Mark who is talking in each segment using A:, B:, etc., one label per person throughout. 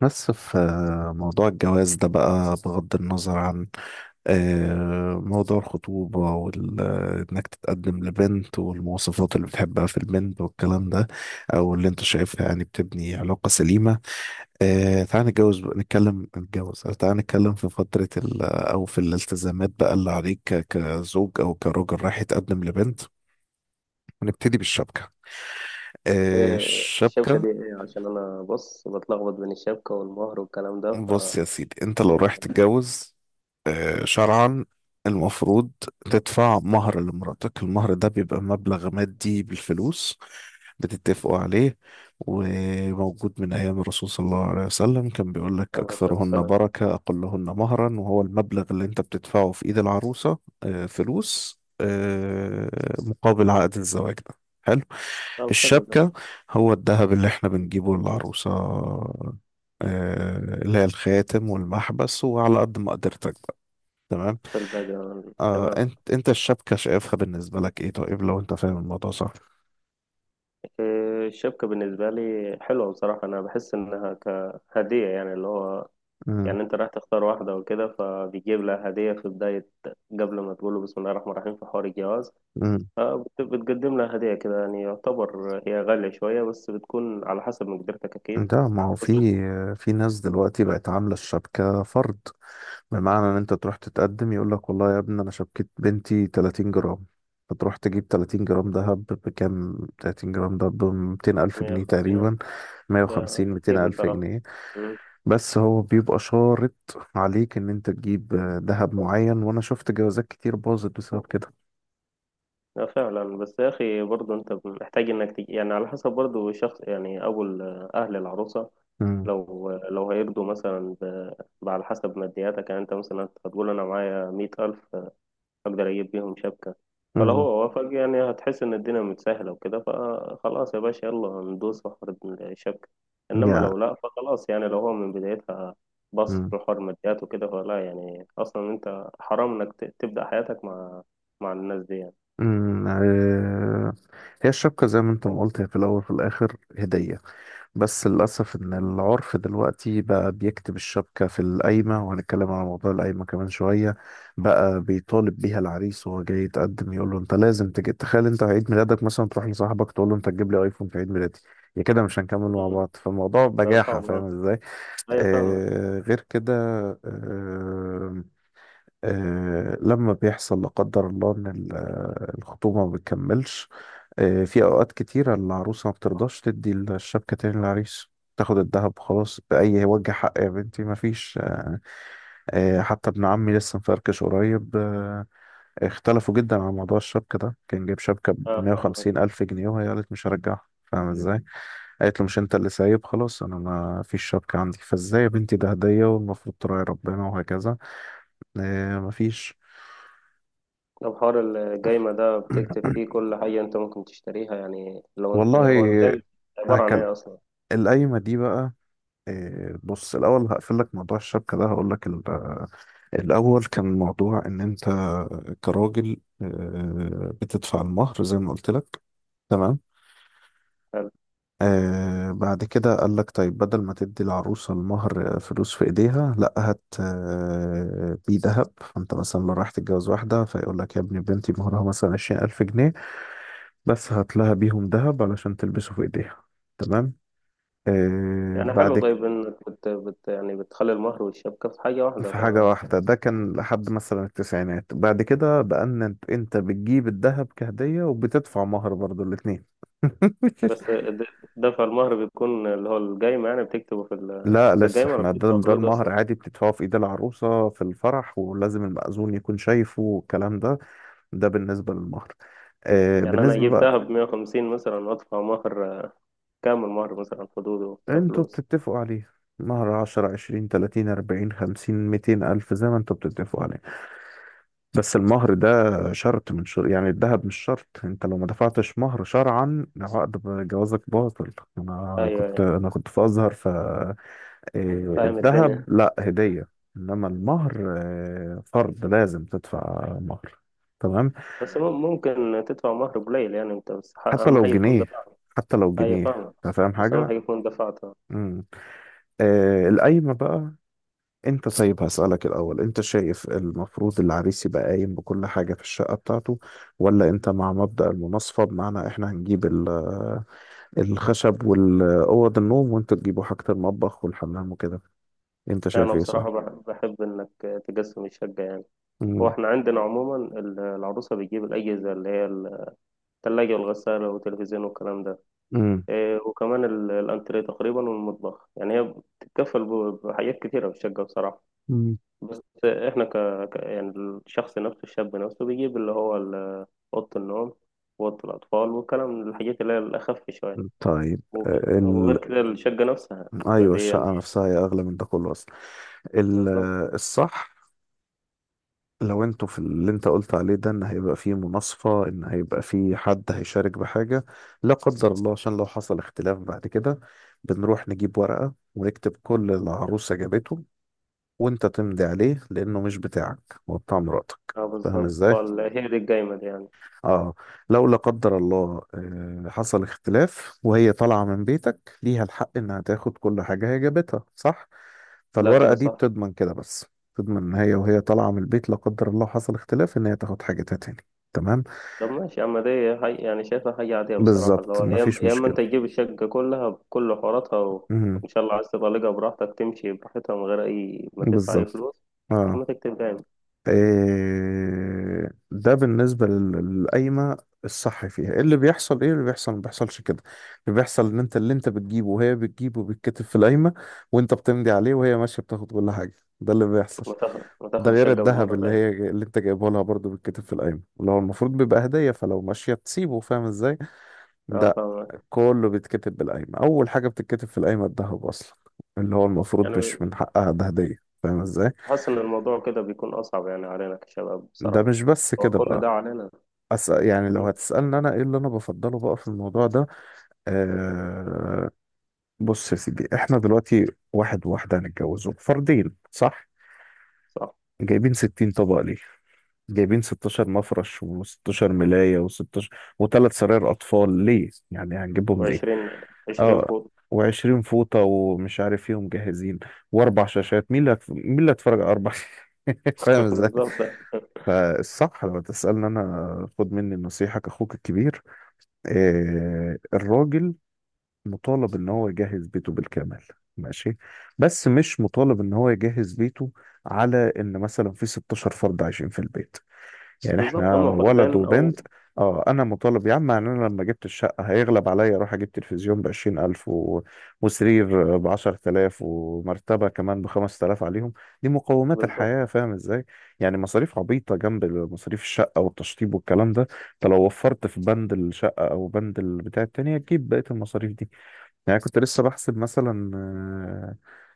A: بس في موضوع الجواز ده بقى بغض النظر عن موضوع الخطوبة وإنك تتقدم لبنت والمواصفات اللي بتحبها في البنت والكلام ده أو اللي أنت شايفها يعني بتبني علاقة سليمة. تعال نتجوز نتكلم نتجوز تعال نتكلم في فترة أو في الالتزامات بقى اللي عليك كزوج أو كراجل رايح يتقدم لبنت ونبتدي بالشبكة.
B: إيه الشبكة
A: الشبكة.
B: دي إيه؟ عشان أنا بص بتلخبط بين الشبكة والمهر والكلام ده ف...
A: بص يا سيدي أنت لو
B: يعني
A: رايح تتجوز شرعا المفروض تدفع مهر لمراتك. المهر ده بيبقى مبلغ مادي بالفلوس بتتفقوا عليه، وموجود من أيام الرسول صلى الله عليه وسلم، كان بيقول لك
B: على أساس
A: أكثرهن
B: السلام.
A: بركة أقلهن مهرا، وهو المبلغ اللي أنت بتدفعه في إيد العروسة. فلوس مقابل عقد الزواج ده. حلو.
B: طب، حلو ده.
A: الشبكة هو الذهب اللي احنا بنجيبه للعروسة، اللي هي الخاتم والمحبس وعلى قد ما قدرتك بقى. تمام.
B: في الباقي؟ تمام.
A: انت الشبكة شايفها بالنسبة لك ايه؟ طيب لو انت فاهم الموضوع صح.
B: إيه الشبكة بالنسبة لي؟ حلوة بصراحة، أنا بحس إنها كهدية، يعني اللي هو،
A: امم.
B: يعني أنت رايح تختار واحدة وكده، فبيجيب لها هدية في بداية، قبل ما تقول له بسم الله الرحمن الرحيم في حوار الجواز.
A: امم.
B: بتقدم لها هدية كده، يعني يعتبر هي غالية شوية، بس بتكون على حسب مقدرتك أكيد،
A: ده ما هو
B: بس
A: في ناس دلوقتي بقت عاملة الشبكة فرض، بمعنى ان انت تروح تتقدم يقول لك والله يا ابني انا شبكة بنتي 30 جرام. فتروح تجيب 30 جرام دهب بكام؟ 30 جرام دهب ب 200 ألف جنيه
B: 150،
A: تقريبا.
B: يعني
A: 150، 200
B: كتير
A: ألف
B: بصراحة.
A: جنيه.
B: مم.
A: بس هو بيبقى شارط عليك ان انت تجيب دهب معين، وانا شفت جوازات كتير باظت بسبب كده.
B: لا فعلا، بس يا أخي برضه أنت محتاج إنك يعني على حسب برضه شخص، يعني أهل العروسة.
A: امم.
B: لو هيرضوا مثلا على حسب مادياتك، يعني أنت مثلا هتقول أنا معايا 100 ألف، اقدر اجيب بيهم شبكة. فلو
A: امم.
B: هو وافق، يعني هتحس ان الدنيا متسهلة وكده، فخلاص يا باشا، يلا ندوس في حوار الشبكة. انما
A: يعني
B: لو لا، فخلاص، يعني لو هو من بدايتها بص في حوار ماديات وكده، فلا، يعني اصلا انت حرام انك تبدأ حياتك مع الناس دي يعني.
A: أمم، آه، هي الشبكة زي ما انت ما قلت هي في الأول وفي الآخر هدية. بس للأسف إن العرف دلوقتي بقى بيكتب الشبكة في القايمة، وهنتكلم على موضوع القايمة كمان شوية. بقى بيطالب بيها العريس وهو جاي يتقدم يقول له أنت لازم تجي. تخيل أنت عيد ميلادك مثلا تروح لصاحبك تقول له أنت تجيب لي أيفون في عيد ميلادي، يا كده مش هنكمل مع
B: مم.
A: بعض. فالموضوع
B: ده
A: بجاحة،
B: صعب،
A: فاهم
B: آه.
A: ازاي.
B: ايوه، فاهمك.
A: آه غير كده. آه. لما بيحصل لا قدر الله ان الخطوبه ما بتكملش، في اوقات كتيره العروسه ما بترضاش تدي الشبكه تاني للعريس. تاخد الذهب خلاص بأي وجه حق يا بنتي؟ مفيش. حتى ابن عمي لسه مفركش قريب، اختلفوا جدا على موضوع الشبكة ده. كان جايب شبكة ب
B: اه،
A: 150
B: فاهمك.
A: ألف جنيه، وهي قالت مش هرجعها. فاهم ازاي؟ مم. قالت له مش انت اللي سايب خلاص، انا ما فيش شبكة عندي. فازاي يا بنتي، ده هدية والمفروض تراعي ربنا وهكذا. مفيش.
B: طب، حوار الجايمة ده بتكتب فيه كل حاجة انت ممكن تشتريها؟ يعني لو هو الجايمة
A: والله
B: عبارة عن
A: هكل
B: ايه اصلا؟
A: القايمة دي بقى. إيه، بص الأول هقفل لك موضوع الشبكة ده، هقول لك الأول كان موضوع إن أنت كراجل بتدفع المهر زي ما قلت لك. تمام. آه بعد كده قال لك طيب بدل ما تدي العروسة المهر فلوس في إيديها، لا هات بيه ذهب. فأنت مثلا لو رايح تتجوز واحدة فيقول لك يا ابني بنتي مهرها مثلا 20000 جنيه، بس هات لها بيهم ذهب علشان تلبسه في إيديها. تمام. آه
B: يعني اه حلو،
A: بعد
B: طيب انك بت يعني بتخلي المهر والشبكة في حاجة واحدة
A: في
B: ف...
A: حاجة واحدة ده كان لحد مثلا التسعينات. بعد كده بقى ان انت بتجيب الذهب كهدية وبتدفع مهر برضو الاتنين.
B: بس دفع المهر بيكون اللي هو القايمة، يعني بتكتبه في ال...
A: لا
B: في
A: لسه
B: القايمة، ولا
A: احنا ده
B: بتدفع
A: ده
B: فلوس
A: المهر
B: أصلا؟
A: عادي بتدفعه في ايد العروسة في الفرح، ولازم المأذون يكون شايفه والكلام ده. ده بالنسبة للمهر. آه
B: يعني أنا
A: بالنسبة
B: أجيب
A: بقى،
B: دهب 150 مثلا، وأدفع مهر، كامل مهر مثلا حدوده
A: انتوا
B: كفلوس.
A: بتتفقوا عليه. مهر عشرة عشرين تلاتين أربعين خمسين ميتين ألف زي ما انتوا بتتفقوا عليه. بس المهر ده شرط يعني الذهب مش شرط. انت لو ما دفعتش مهر شرعا عقد جوازك باطل. انا
B: أيوه،
A: كنت
B: أيوه،
A: انا كنت في ازهر، ف إيه،
B: فاهم
A: الذهب
B: الدنيا.
A: لا هدية، انما المهر إيه، فرض، لازم تدفع مهر. تمام.
B: بس ممكن تدفع مهر قليل، يعني أنت بس
A: حتى
B: أهم
A: لو
B: حاجة تكون
A: جنيه.
B: دفعت.
A: حتى لو
B: أيوه،
A: جنيه.
B: فاهمك.
A: انت فاهم
B: بس أهم
A: حاجة.
B: حاجة تكون دفعتها.
A: امم. آه القايمة بقى. انت طيب هسألك الأول، انت شايف المفروض العريس يبقى قايم بكل حاجة في الشقة بتاعته، ولا انت مع مبدأ المناصفة، بمعنى احنا هنجيب الخشب والأوض النوم وانتوا تجيبوا حاجة المطبخ والحمام وكده. انت شايف
B: أنا
A: ايه صح؟
B: بصراحة بحب إنك تقسم الشقة يعني. هو
A: مم.
B: إحنا عندنا عموما العروسة بتجيب الأجهزة اللي هي الثلاجة والغسالة والتلفزيون والكلام ده.
A: مم.
B: إيه، وكمان الأنتريه تقريبا والمطبخ، يعني هي بتتكفل بحاجات كتيرة في الشقة بصراحة.
A: مم.
B: بس إحنا يعني الشخص نفسه، الشاب نفسه بيجيب اللي هو أوضة النوم، وأوضة الأطفال والكلام، من الحاجات اللي هي الأخف شوية.
A: طيب
B: وغ-
A: ال...
B: وغير كده، الشقة نفسها.
A: ايوه
B: فدي يعني،
A: الشقة نفسها هي أغلى من ده كله أصلا. ال...
B: بالظبط.
A: الصح لو انتوا في اللي انت قلت عليه ده ان هيبقى فيه مناصفة، ان هيبقى فيه حد هيشارك بحاجة لا قدر الله، عشان لو حصل اختلاف بعد كده بنروح نجيب ورقة ونكتب كل اللي العروسة جابته وانت تمضي عليه، لانه مش بتاعك، هو بتاع مراتك.
B: اه
A: فاهم
B: بالظبط،
A: ازاي؟
B: هي دي القايمة دي يعني.
A: اه. لو لا قدر الله حصل اختلاف وهي طالعة من بيتك، ليها الحق انها تاخد كل حاجة هي جابتها صح.
B: لا،
A: فالورقة
B: كده
A: دي
B: صح.
A: بتضمن كده بس. تضمن ان هي وهي طالعة من البيت لا قدر الله حصل اختلاف ان هي تاخد حاجتها تاني. تمام.
B: طب ماشي يا عم، دي هي يعني شايفها حاجة عادية بصراحة، اللي
A: بالظبط
B: هو يا إما
A: مفيش
B: يا إما أنت
A: مشكلة.
B: تجيب الشقة كلها بكل حواراتها
A: مهم.
B: وإن شاء الله عايز تطلقها براحتك، تمشي براحتها من غير أي ما تدفع أي
A: بالظبط.
B: فلوس. يا
A: اه.
B: إما تكتب دايم،
A: إيه، ده بالنسبة للقايمة. الصح فيها إيه اللي بيحصل؟ ايه اللي بيحصل؟ ما بيحصلش كده. اللي بيحصل ان انت اللي انت بتجيبه وهي بتجيبه بيتكتب في القايمة، وانت بتمضي عليه، وهي ماشية بتاخد كل حاجة. ده اللي بيحصل.
B: وتاخد
A: ده
B: وتاخد الشقة
A: غير الذهب
B: بالمرة
A: اللي
B: دايم.
A: هي اللي انت جايبه لها برضه بيتكتب في القايمة، اللي هو المفروض بيبقى هدية، فلو ماشية تسيبه. فاهم ازاي.
B: أه،
A: ده
B: فاهمك.
A: كله بيتكتب بالقايمة. اول حاجة بتتكتب في القايمة الذهب اصلا، اللي هو المفروض
B: يعني
A: مش من حقها، ده هدية. فاهم ازاي.
B: حاسس إن الموضوع كده بيكون أصعب، يعني علينا كشباب
A: ده
B: بصراحة،
A: مش بس
B: هو
A: كده
B: كل
A: بقى.
B: ده علينا.
A: يعني لو
B: مم.
A: هتسألني أنا إيه اللي أنا بفضله بقى في الموضوع ده. آه... بص يا سيدي إحنا دلوقتي واحد وواحدة هنتجوزوا، فردين صح؟
B: صح.
A: جايبين 60 طبق ليه؟ جايبين 16 مفرش و16 ملاية و16، وثلاث سراير أطفال ليه؟ يعني هنجيبهم ليه؟
B: وعشرين
A: آه.
B: فوق.
A: و20 فوطة ومش عارف إيه ومجهزين، وأربع شاشات. مين مين اللي هيتفرج على أربع شاشات؟ فاهم إزاي؟
B: بالظبط.
A: فالصح لو تسألني أنا خد مني النصيحة كأخوك الكبير. الراجل مطالب ان هو يجهز بيته بالكامل. ماشي. بس مش مطالب ان هو يجهز بيته على ان مثلا في 16 فرد عايشين في البيت. يعني
B: بالظبط،
A: احنا
B: هما
A: ولد
B: فردين أو...
A: وبنت. اه انا مطالب يا عم. يعني انا لما جبت الشقه هيغلب عليا اروح اجيب تلفزيون ب 20000 وسرير ب 10000 ومرتبه كمان ب 5000 عليهم. دي مقومات الحياه،
B: بالظبط.
A: فاهم ازاي. يعني مصاريف عبيطه جنب مصاريف الشقه والتشطيب والكلام ده. انت لو وفرت في بند الشقه او بند البتاع التانية تجيب بقيه المصاريف دي. يعني كنت لسه بحسب مثلا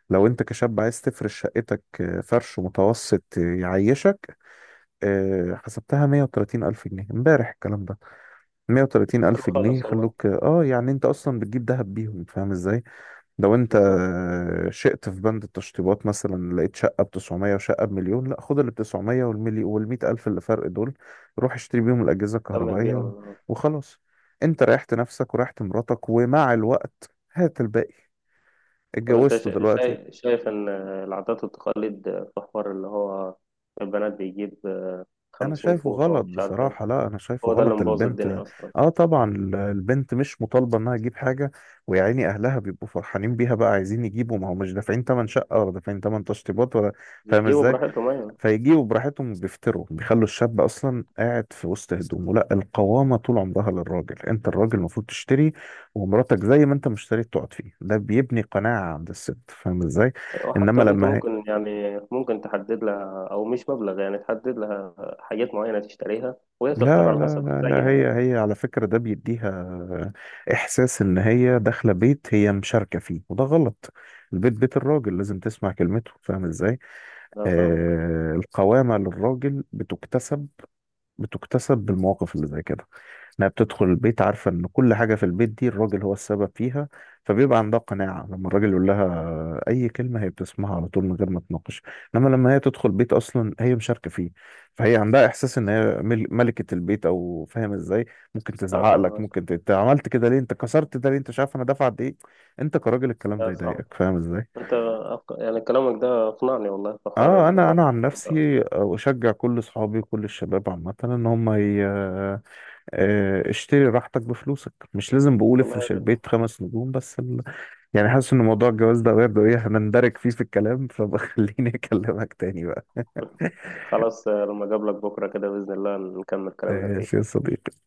A: لو انت كشاب عايز تفرش شقتك فرش متوسط يعيشك، حسبتها 130 ألف جنيه امبارح الكلام ده. 130
B: حلو
A: ألف جنيه
B: خالص والله.
A: يخلوك اه. يعني انت اصلا بتجيب دهب بيهم، فاهم ازاي. لو انت
B: بالظبط.
A: شئت في بند التشطيبات مثلا لقيت شقة ب 900 وشقة بمليون، لا خد ال 900 والملي وال 100 ألف اللي فرق دول روح اشتري بيهم الأجهزة
B: كمل
A: الكهربائية.
B: بيهم.
A: وخلاص. انت ريحت نفسك وريحت مراتك، ومع الوقت هات الباقي.
B: طب انت
A: اتجوزته
B: شا-
A: دلوقتي.
B: شايف شايف ان العادات والتقاليد، في حوار اللي هو البنات بيجيب
A: انا
B: خمسين
A: شايفه
B: فوطة
A: غلط
B: ومش عارف ايه.
A: بصراحة. لا انا شايفه
B: هو ده اللي
A: غلط.
B: مبوظ
A: البنت،
B: الدنيا اصلا.
A: اه طبعا البنت مش مطالبة انها تجيب حاجة. ويا عيني اهلها بيبقوا فرحانين بيها بقى عايزين يجيبوا، ما هو مش دافعين تمن شقة ولا دافعين تمن تشطيبات ولا. فاهم
B: بيجيبوا
A: ازاي.
B: براحتهم، ايوه.
A: فيجيبوا براحتهم، بيفتروا، بيخلوا الشاب اصلا قاعد في وسط هدومه. لا القوامة طول عمرها للراجل. انت الراجل المفروض تشتري، ومراتك زي ما انت ما اشتريت تقعد فيه. ده بيبني قناعة عند الست، فاهم ازاي.
B: وحتى
A: انما
B: انت
A: لما،
B: ممكن، يعني ممكن تحدد لها، او مش مبلغ، يعني تحدد لها حاجات معينة تشتريها وهي تختار
A: لا
B: على
A: لا
B: حسب
A: لا لا،
B: مزاجها يعني.
A: هي على فكرة ده بيديها إحساس إن هي داخلة بيت هي مشاركة فيه، وده غلط. البيت بيت الراجل، لازم تسمع كلمته. فاهم إزاي؟
B: ده فاهمك.
A: آه القوامة للراجل بتكتسب، بتكتسب بالمواقف اللي زي كده. انها بتدخل البيت عارفه ان كل حاجه في البيت دي الراجل هو السبب فيها، فبيبقى عندها قناعه لما الراجل يقول لها اي كلمه هي بتسمعها على طول من غير ما تناقش. انما لما هي تدخل بيت اصلا هي مشاركه فيه، فهي عندها احساس ان هي ملكه البيت او فاهم ازاي. ممكن
B: اه،
A: تزعق لك.
B: فاهمك.
A: ممكن انت عملت كده ليه؟ انت كسرت ده ليه؟ انت مش عارف انا دافع قد ايه. انت كراجل الكلام
B: ده
A: ده
B: صح.
A: يضايقك، فاهم ازاي.
B: انت يعني كلامك ده اقنعني والله، في حوار
A: اه
B: اللي
A: انا
B: هو...
A: انا عن نفسي اشجع كل اصحابي وكل الشباب عامه ان هم اشتري راحتك بفلوسك. مش لازم بقول
B: والله يا
A: افرش
B: ريت.
A: البيت خمس نجوم، بس يعني حاسس ان موضوع الجواز ده برضه ايه هنندرج فيه في الكلام، فبخليني اكلمك تاني بقى.
B: خلاص، لما اقابلك بكرة كده بإذن الله نكمل كلامنا
A: ماشي
B: فيه.
A: يا صديقي.